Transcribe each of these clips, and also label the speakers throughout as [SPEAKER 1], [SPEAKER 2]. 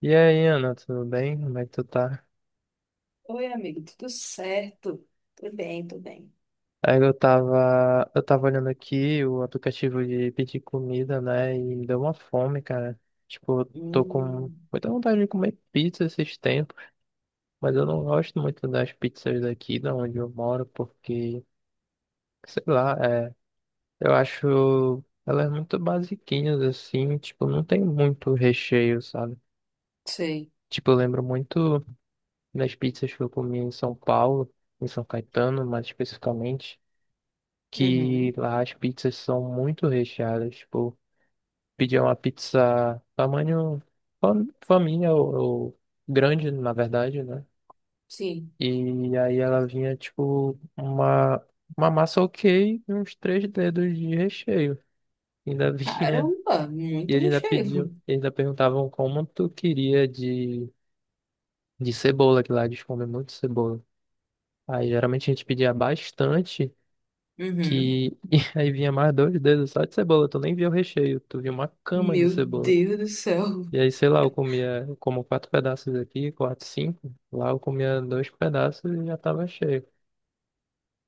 [SPEAKER 1] E aí, Ana, tudo bem? Como é que tu tá?
[SPEAKER 2] Oi, amigo, tudo certo? Tudo bem, tudo bem.
[SPEAKER 1] Aí eu tava olhando aqui o aplicativo de pedir comida, né? E me deu uma fome, cara. Tipo, eu tô com
[SPEAKER 2] Hum,
[SPEAKER 1] muita vontade de comer pizza esses tempos, mas eu não gosto muito das pizzas daqui, da onde eu moro, porque, sei lá, eu acho elas muito basiquinhas, assim, tipo, não tem muito recheio, sabe?
[SPEAKER 2] sei.
[SPEAKER 1] Tipo, eu lembro muito das pizzas que eu comi em São Paulo, em São Caetano, mais especificamente. Que
[SPEAKER 2] Uhum,
[SPEAKER 1] lá as pizzas são muito recheadas. Tipo, pedir uma pizza tamanho família, ou grande, na verdade, né?
[SPEAKER 2] sim.
[SPEAKER 1] E aí ela vinha, tipo, uma massa ok e uns três dedos de recheio. Ainda vinha.
[SPEAKER 2] Caramba,
[SPEAKER 1] E
[SPEAKER 2] muito
[SPEAKER 1] eles ainda pediam,
[SPEAKER 2] recheio.
[SPEAKER 1] eles ainda perguntavam como tu queria de cebola, que lá eles comem muito cebola. Aí geralmente a gente pedia bastante.
[SPEAKER 2] Uhum.
[SPEAKER 1] Que e aí vinha mais dois dedos só de cebola, tu nem via o recheio, tu via uma cama de
[SPEAKER 2] Meu
[SPEAKER 1] cebola.
[SPEAKER 2] Deus do céu.
[SPEAKER 1] E aí, sei lá, eu comia, eu como quatro pedaços aqui, quatro, cinco, lá eu comia dois pedaços e já tava cheio.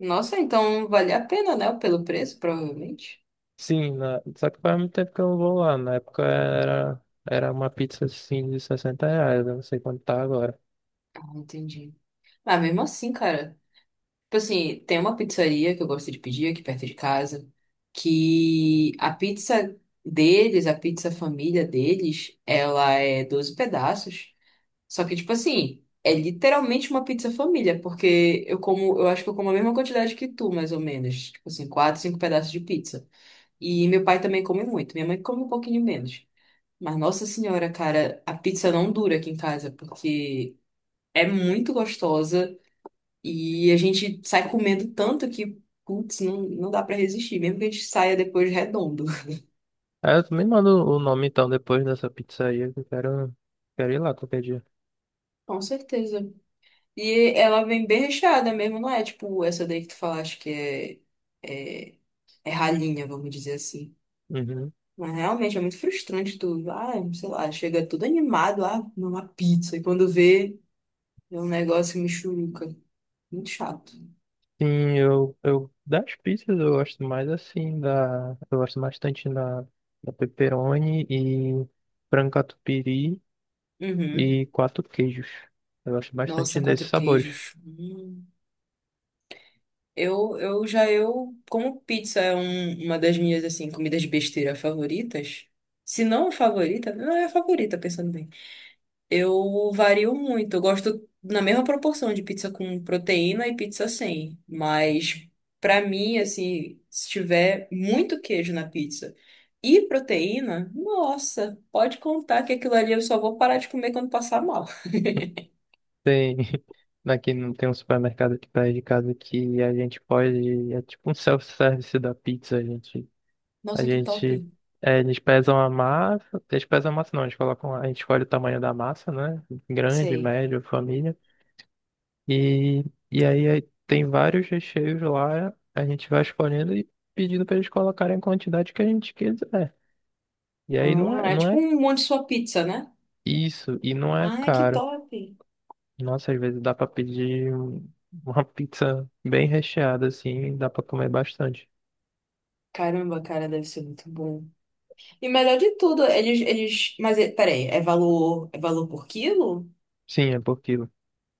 [SPEAKER 2] Nossa, então vale a pena, né? Pelo preço, provavelmente.
[SPEAKER 1] Sim, na- só que faz muito tempo que eu não vou lá, na época era uma pizza assim de 60 reais, eu não sei quanto tá agora.
[SPEAKER 2] Ah, entendi. Ah, mesmo assim, cara. Tipo assim, tem uma pizzaria que eu gosto de pedir aqui perto de casa, que a pizza deles, a pizza família deles, ela é 12 pedaços. Só que, tipo assim, é literalmente uma pizza família, porque eu como, eu acho que eu como a mesma quantidade que tu, mais ou menos. Tipo assim, 4, 5 pedaços de pizza. E meu pai também come muito, minha mãe come um pouquinho menos. Mas, nossa senhora, cara, a pizza não dura aqui em casa, porque é muito gostosa e a gente sai comendo tanto que, putz, não dá pra resistir, mesmo que a gente saia depois redondo.
[SPEAKER 1] Aí eu também mando o nome então depois dessa pizzaria, que eu quero ir lá qualquer dia.
[SPEAKER 2] Com certeza. E ela vem bem recheada mesmo, não é tipo essa daí que tu falaste que é. é é ralinha, vamos dizer assim.
[SPEAKER 1] Uhum.
[SPEAKER 2] Mas realmente é muito frustrante tudo. Ah, sei lá, chega tudo animado, ah, comer uma pizza, e quando vê, é um negócio mexuruca. Muito chato.
[SPEAKER 1] Sim, eu das pizzas eu gosto mais assim da eu gosto bastante da, da pepperoni e frango catupiry
[SPEAKER 2] Uhum.
[SPEAKER 1] e quatro queijos. Eu gosto bastante
[SPEAKER 2] Nossa,
[SPEAKER 1] desses
[SPEAKER 2] quatro
[SPEAKER 1] sabores.
[SPEAKER 2] queijos. Hum. Eu já eu como pizza é uma das minhas assim comidas besteira favoritas. Se não a favorita, não é a favorita, pensando bem. Eu vario muito. Eu gosto na mesma proporção de pizza com proteína e pizza sem. Mas pra mim, assim, se tiver muito queijo na pizza e proteína, nossa, pode contar que aquilo ali eu só vou parar de comer quando passar mal.
[SPEAKER 1] Tem aqui não tem um supermercado aqui perto de casa que a gente pode é tipo um self-service da pizza, a gente a
[SPEAKER 2] Nossa, que top.
[SPEAKER 1] gente é, eles pesam a massa, eles pesam a massa não, eles colocam a gente escolhe o tamanho da massa, né? Grande,
[SPEAKER 2] Sei.
[SPEAKER 1] médio, família. E, e aí tem vários recheios lá, a gente vai escolhendo e pedindo para eles colocarem a quantidade que a gente quiser. E aí não é,
[SPEAKER 2] É
[SPEAKER 1] não
[SPEAKER 2] tipo
[SPEAKER 1] é
[SPEAKER 2] um monte de sua pizza, né?
[SPEAKER 1] isso, e não é
[SPEAKER 2] Ai, que
[SPEAKER 1] caro.
[SPEAKER 2] top.
[SPEAKER 1] Nossa, às vezes dá para pedir uma pizza bem recheada assim, dá para comer bastante.
[SPEAKER 2] Caramba, cara, deve ser muito bom. E melhor de tudo, eles... Mas, peraí, é valor por quilo?
[SPEAKER 1] Sim, é por quilo.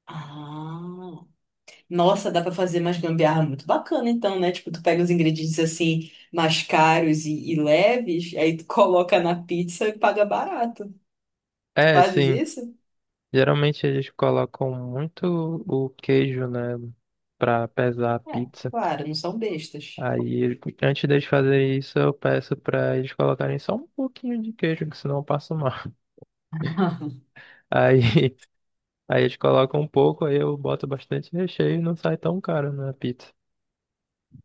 [SPEAKER 2] Ah. Nossa, dá pra fazer mais gambiarra muito bacana, então, né? Tipo, tu pega os ingredientes assim, mais caros e leves, aí tu coloca na pizza e paga barato. Tu
[SPEAKER 1] É,
[SPEAKER 2] fazes
[SPEAKER 1] sim.
[SPEAKER 2] isso?
[SPEAKER 1] Geralmente eles colocam muito o queijo, né, para pesar a
[SPEAKER 2] É,
[SPEAKER 1] pizza.
[SPEAKER 2] claro, não são bestas.
[SPEAKER 1] Aí, antes deles fazerem isso, eu peço pra eles colocarem só um pouquinho de queijo, que senão eu passo mal. Aí, aí eles colocam um pouco, aí eu boto bastante recheio e não sai tão caro na pizza.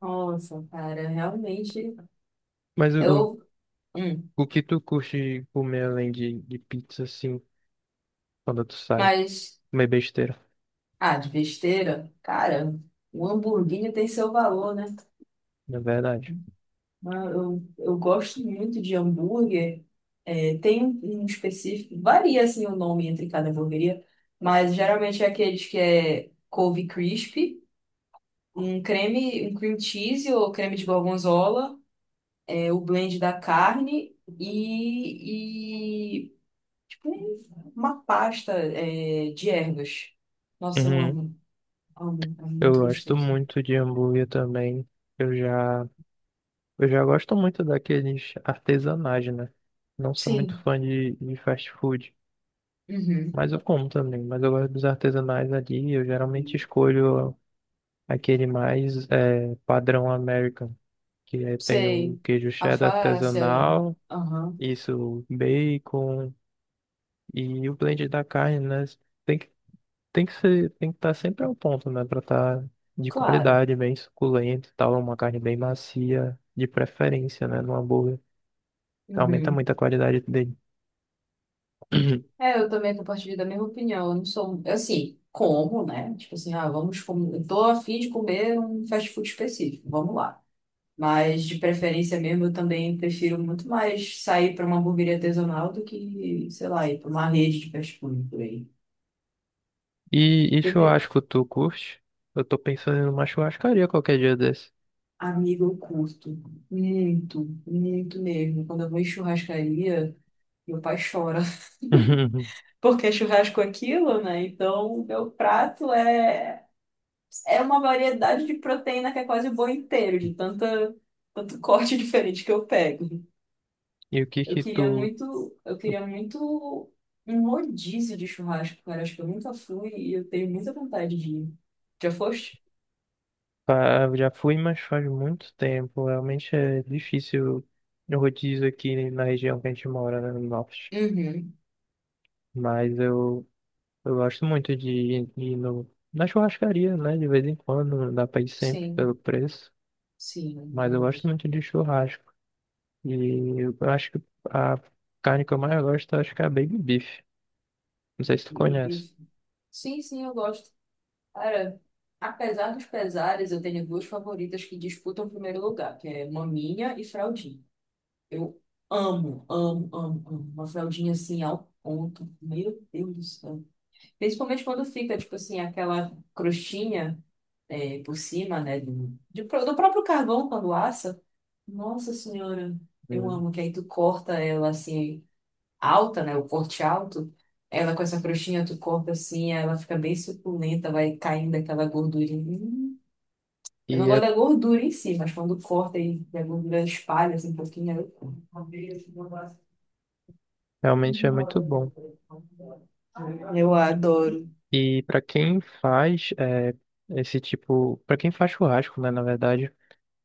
[SPEAKER 2] Nossa, cara, realmente.
[SPEAKER 1] Mas o, o
[SPEAKER 2] Eu, Hum.
[SPEAKER 1] o que tu curte comer além de pizza, assim, quando tu sai?
[SPEAKER 2] mas,
[SPEAKER 1] Comer besteira,
[SPEAKER 2] ah, de besteira, cara, o hamburguinho tem seu valor, né?
[SPEAKER 1] na verdade.
[SPEAKER 2] Ah, eu gosto muito de hambúrguer. É, tem um específico, varia assim o nome entre cada hamburgueria, mas geralmente é aqueles que é couve crispy, um creme, um cream cheese ou creme de gorgonzola, é, o blend da carne e tipo uma pasta é, de ervas. Nossa, eu
[SPEAKER 1] Uhum.
[SPEAKER 2] amo, amo, é
[SPEAKER 1] Eu
[SPEAKER 2] muito
[SPEAKER 1] gosto
[SPEAKER 2] gostoso.
[SPEAKER 1] muito de hambúrguer também. Eu já Eu já gosto muito daqueles artesanais, né? Não sou muito
[SPEAKER 2] Sim,
[SPEAKER 1] fã de fast food,
[SPEAKER 2] uhum.
[SPEAKER 1] mas eu como também. Mas eu gosto dos artesanais ali. Eu geralmente escolho aquele mais padrão American, que é, tem o
[SPEAKER 2] Sei,
[SPEAKER 1] queijo cheddar
[SPEAKER 2] alface, é,
[SPEAKER 1] artesanal,
[SPEAKER 2] aham.
[SPEAKER 1] isso, bacon e o blend da carne, né? Tem que, tem que ser, tem que estar sempre ao ponto, né? Pra estar de
[SPEAKER 2] Claro.
[SPEAKER 1] qualidade, bem suculento e tal, uma carne bem macia, de preferência, né? No hambúrguer. Aumenta
[SPEAKER 2] Uhum.
[SPEAKER 1] muito a qualidade dele. Uhum.
[SPEAKER 2] É, eu também compartilho da mesma opinião. Eu não sou, assim, como, né? Tipo assim, ah, vamos, com... eu tô a fim de comer um fast food específico, vamos lá. Mas de preferência mesmo, eu também prefiro muito mais sair para uma hamburgueria artesanal do que, sei lá, ir para uma rede de fast food por aí.
[SPEAKER 1] E
[SPEAKER 2] Primeiro,
[SPEAKER 1] churrasco, tu curte? Eu tô pensando em uma churrascaria qualquer dia desse.
[SPEAKER 2] amigo, eu curto muito, muito mesmo. Quando eu vou em churrascaria, meu pai chora.
[SPEAKER 1] Uhum.
[SPEAKER 2] Porque churrasco é aquilo, né? Então, meu prato é uma variedade de proteína que é quase o boi inteiro, de tanta, tanto corte diferente que eu pego.
[SPEAKER 1] E o que
[SPEAKER 2] Eu
[SPEAKER 1] que
[SPEAKER 2] queria
[SPEAKER 1] tu...
[SPEAKER 2] muito, eu queria muito um rodízio de churrasco, cara. Acho que eu nunca fui e eu tenho muita vontade de ir. Já foste?
[SPEAKER 1] Já fui, mas faz muito tempo. Realmente é difícil o rodízio aqui na região que a gente mora, né, no norte.
[SPEAKER 2] Uhum.
[SPEAKER 1] Mas eu gosto muito de ir no, na churrascaria, né? De vez em quando, não dá pra ir sempre
[SPEAKER 2] Sim,
[SPEAKER 1] pelo preço.
[SPEAKER 2] sim, é
[SPEAKER 1] Mas eu gosto
[SPEAKER 2] verdade.
[SPEAKER 1] muito de churrasco. E eu acho que a carne que eu mais gosto, eu acho que é a baby beef. Não sei se tu
[SPEAKER 2] E de
[SPEAKER 1] conhece.
[SPEAKER 2] bife. Sim, sim, eu gosto. Cara, apesar dos pesares, eu tenho 2 favoritas que disputam o primeiro lugar, que é maminha e fraldinha. Eu amo, amo, amo, amo. Uma fraldinha assim ao ponto. Meu Deus do céu. Principalmente quando fica, tipo assim, aquela crostinha é, por cima, né? Do próprio carvão quando assa. Nossa Senhora, eu amo. Que aí tu corta ela assim, alta, né? O corte alto. Ela com essa crostinha, tu corta assim, ela fica bem suculenta, vai caindo aquela gordurinha. Hum.
[SPEAKER 1] E
[SPEAKER 2] Eu não gosto
[SPEAKER 1] é-
[SPEAKER 2] da gordura em si, mas quando corta e a gordura espalha assim, um pouquinho, aí eu... amo.
[SPEAKER 1] Realmente é muito bom.
[SPEAKER 2] Eu adoro.
[SPEAKER 1] E para quem faz é, esse tipo, para quem faz churrasco, né, na verdade,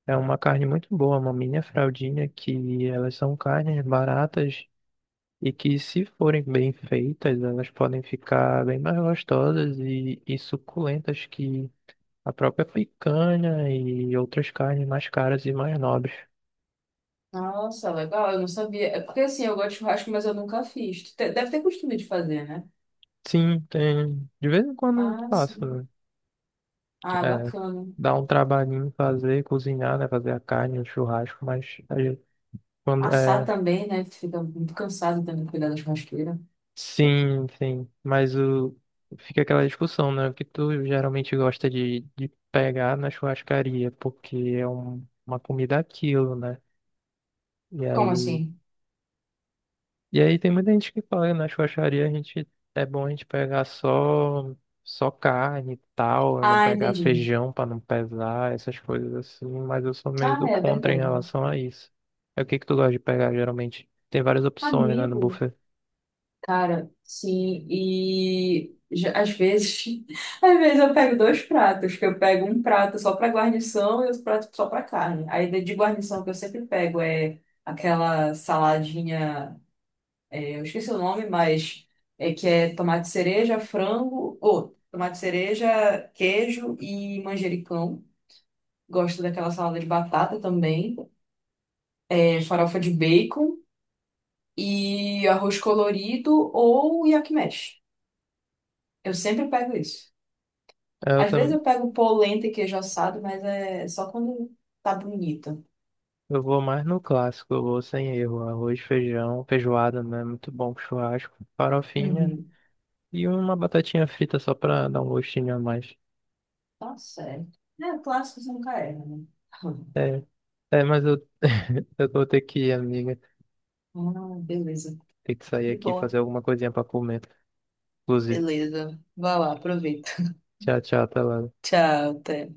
[SPEAKER 1] é uma carne muito boa, uma maminha, fraldinha, que elas são carnes baratas e que se forem bem feitas, elas podem ficar bem mais gostosas e suculentas que a própria picanha e outras carnes mais caras e mais nobres.
[SPEAKER 2] Nossa, legal. Eu não sabia. É porque assim, eu gosto de churrasco, mas eu nunca fiz. Deve ter costume de fazer, né?
[SPEAKER 1] Sim, tem. De vez em quando eu
[SPEAKER 2] Ah,
[SPEAKER 1] faço,
[SPEAKER 2] sim.
[SPEAKER 1] né?
[SPEAKER 2] Ah,
[SPEAKER 1] É,
[SPEAKER 2] bacana.
[SPEAKER 1] dá um trabalhinho fazer, cozinhar, né? Fazer a carne, o churrasco, mas a gente- quando
[SPEAKER 2] Assar
[SPEAKER 1] é,
[SPEAKER 2] também, né? Que tu fica muito cansado também de cuidar da churrasqueira.
[SPEAKER 1] sim, sim, mas o fica aquela discussão, né? O que tu geralmente gosta de pegar na churrascaria, porque é uma comida aquilo, né? E
[SPEAKER 2] Como
[SPEAKER 1] aí
[SPEAKER 2] assim?
[SPEAKER 1] E aí tem muita gente que fala, na churrascaria a gente é bom a gente pegar só carne e tal, não
[SPEAKER 2] Ah,
[SPEAKER 1] pegar
[SPEAKER 2] entendi.
[SPEAKER 1] feijão pra não pesar, essas coisas assim, mas eu sou meio
[SPEAKER 2] Ah,
[SPEAKER 1] do
[SPEAKER 2] é
[SPEAKER 1] contra em
[SPEAKER 2] verdade.
[SPEAKER 1] relação a isso. É o que que tu gosta de pegar geralmente? Tem várias opções, né, no
[SPEAKER 2] Amigo.
[SPEAKER 1] buffet.
[SPEAKER 2] Cara, sim, e às vezes, às vezes eu pego 2 pratos, que eu pego um prato só para guarnição e outro prato só para carne. Aí de guarnição que eu sempre pego é aquela saladinha, eu esqueci o nome, mas é que é tomate cereja, frango, ou tomate cereja, queijo e manjericão. Gosto daquela salada de batata também, é, farofa de bacon e arroz colorido ou yakimesh. Eu sempre pego isso.
[SPEAKER 1] É, eu
[SPEAKER 2] Às vezes
[SPEAKER 1] também
[SPEAKER 2] eu pego polenta e queijo assado, mas é só quando tá bonita.
[SPEAKER 1] eu vou mais no clássico, eu vou sem erro, arroz, feijão, feijoada, né, muito bom com churrasco, farofinha
[SPEAKER 2] Uhum.
[SPEAKER 1] e uma batatinha frita só pra dar um gostinho a mais.
[SPEAKER 2] Tá certo. É, clássicos nunca erram, né?
[SPEAKER 1] É, é, mas eu eu vou ter que ir, amiga.
[SPEAKER 2] Ah, beleza.
[SPEAKER 1] Tem que sair
[SPEAKER 2] De
[SPEAKER 1] aqui e
[SPEAKER 2] boa.
[SPEAKER 1] fazer alguma coisinha pra comer. Inclusive.
[SPEAKER 2] Beleza. Vai lá, aproveita.
[SPEAKER 1] Tchau, tchau, até lá.
[SPEAKER 2] Tchau, até.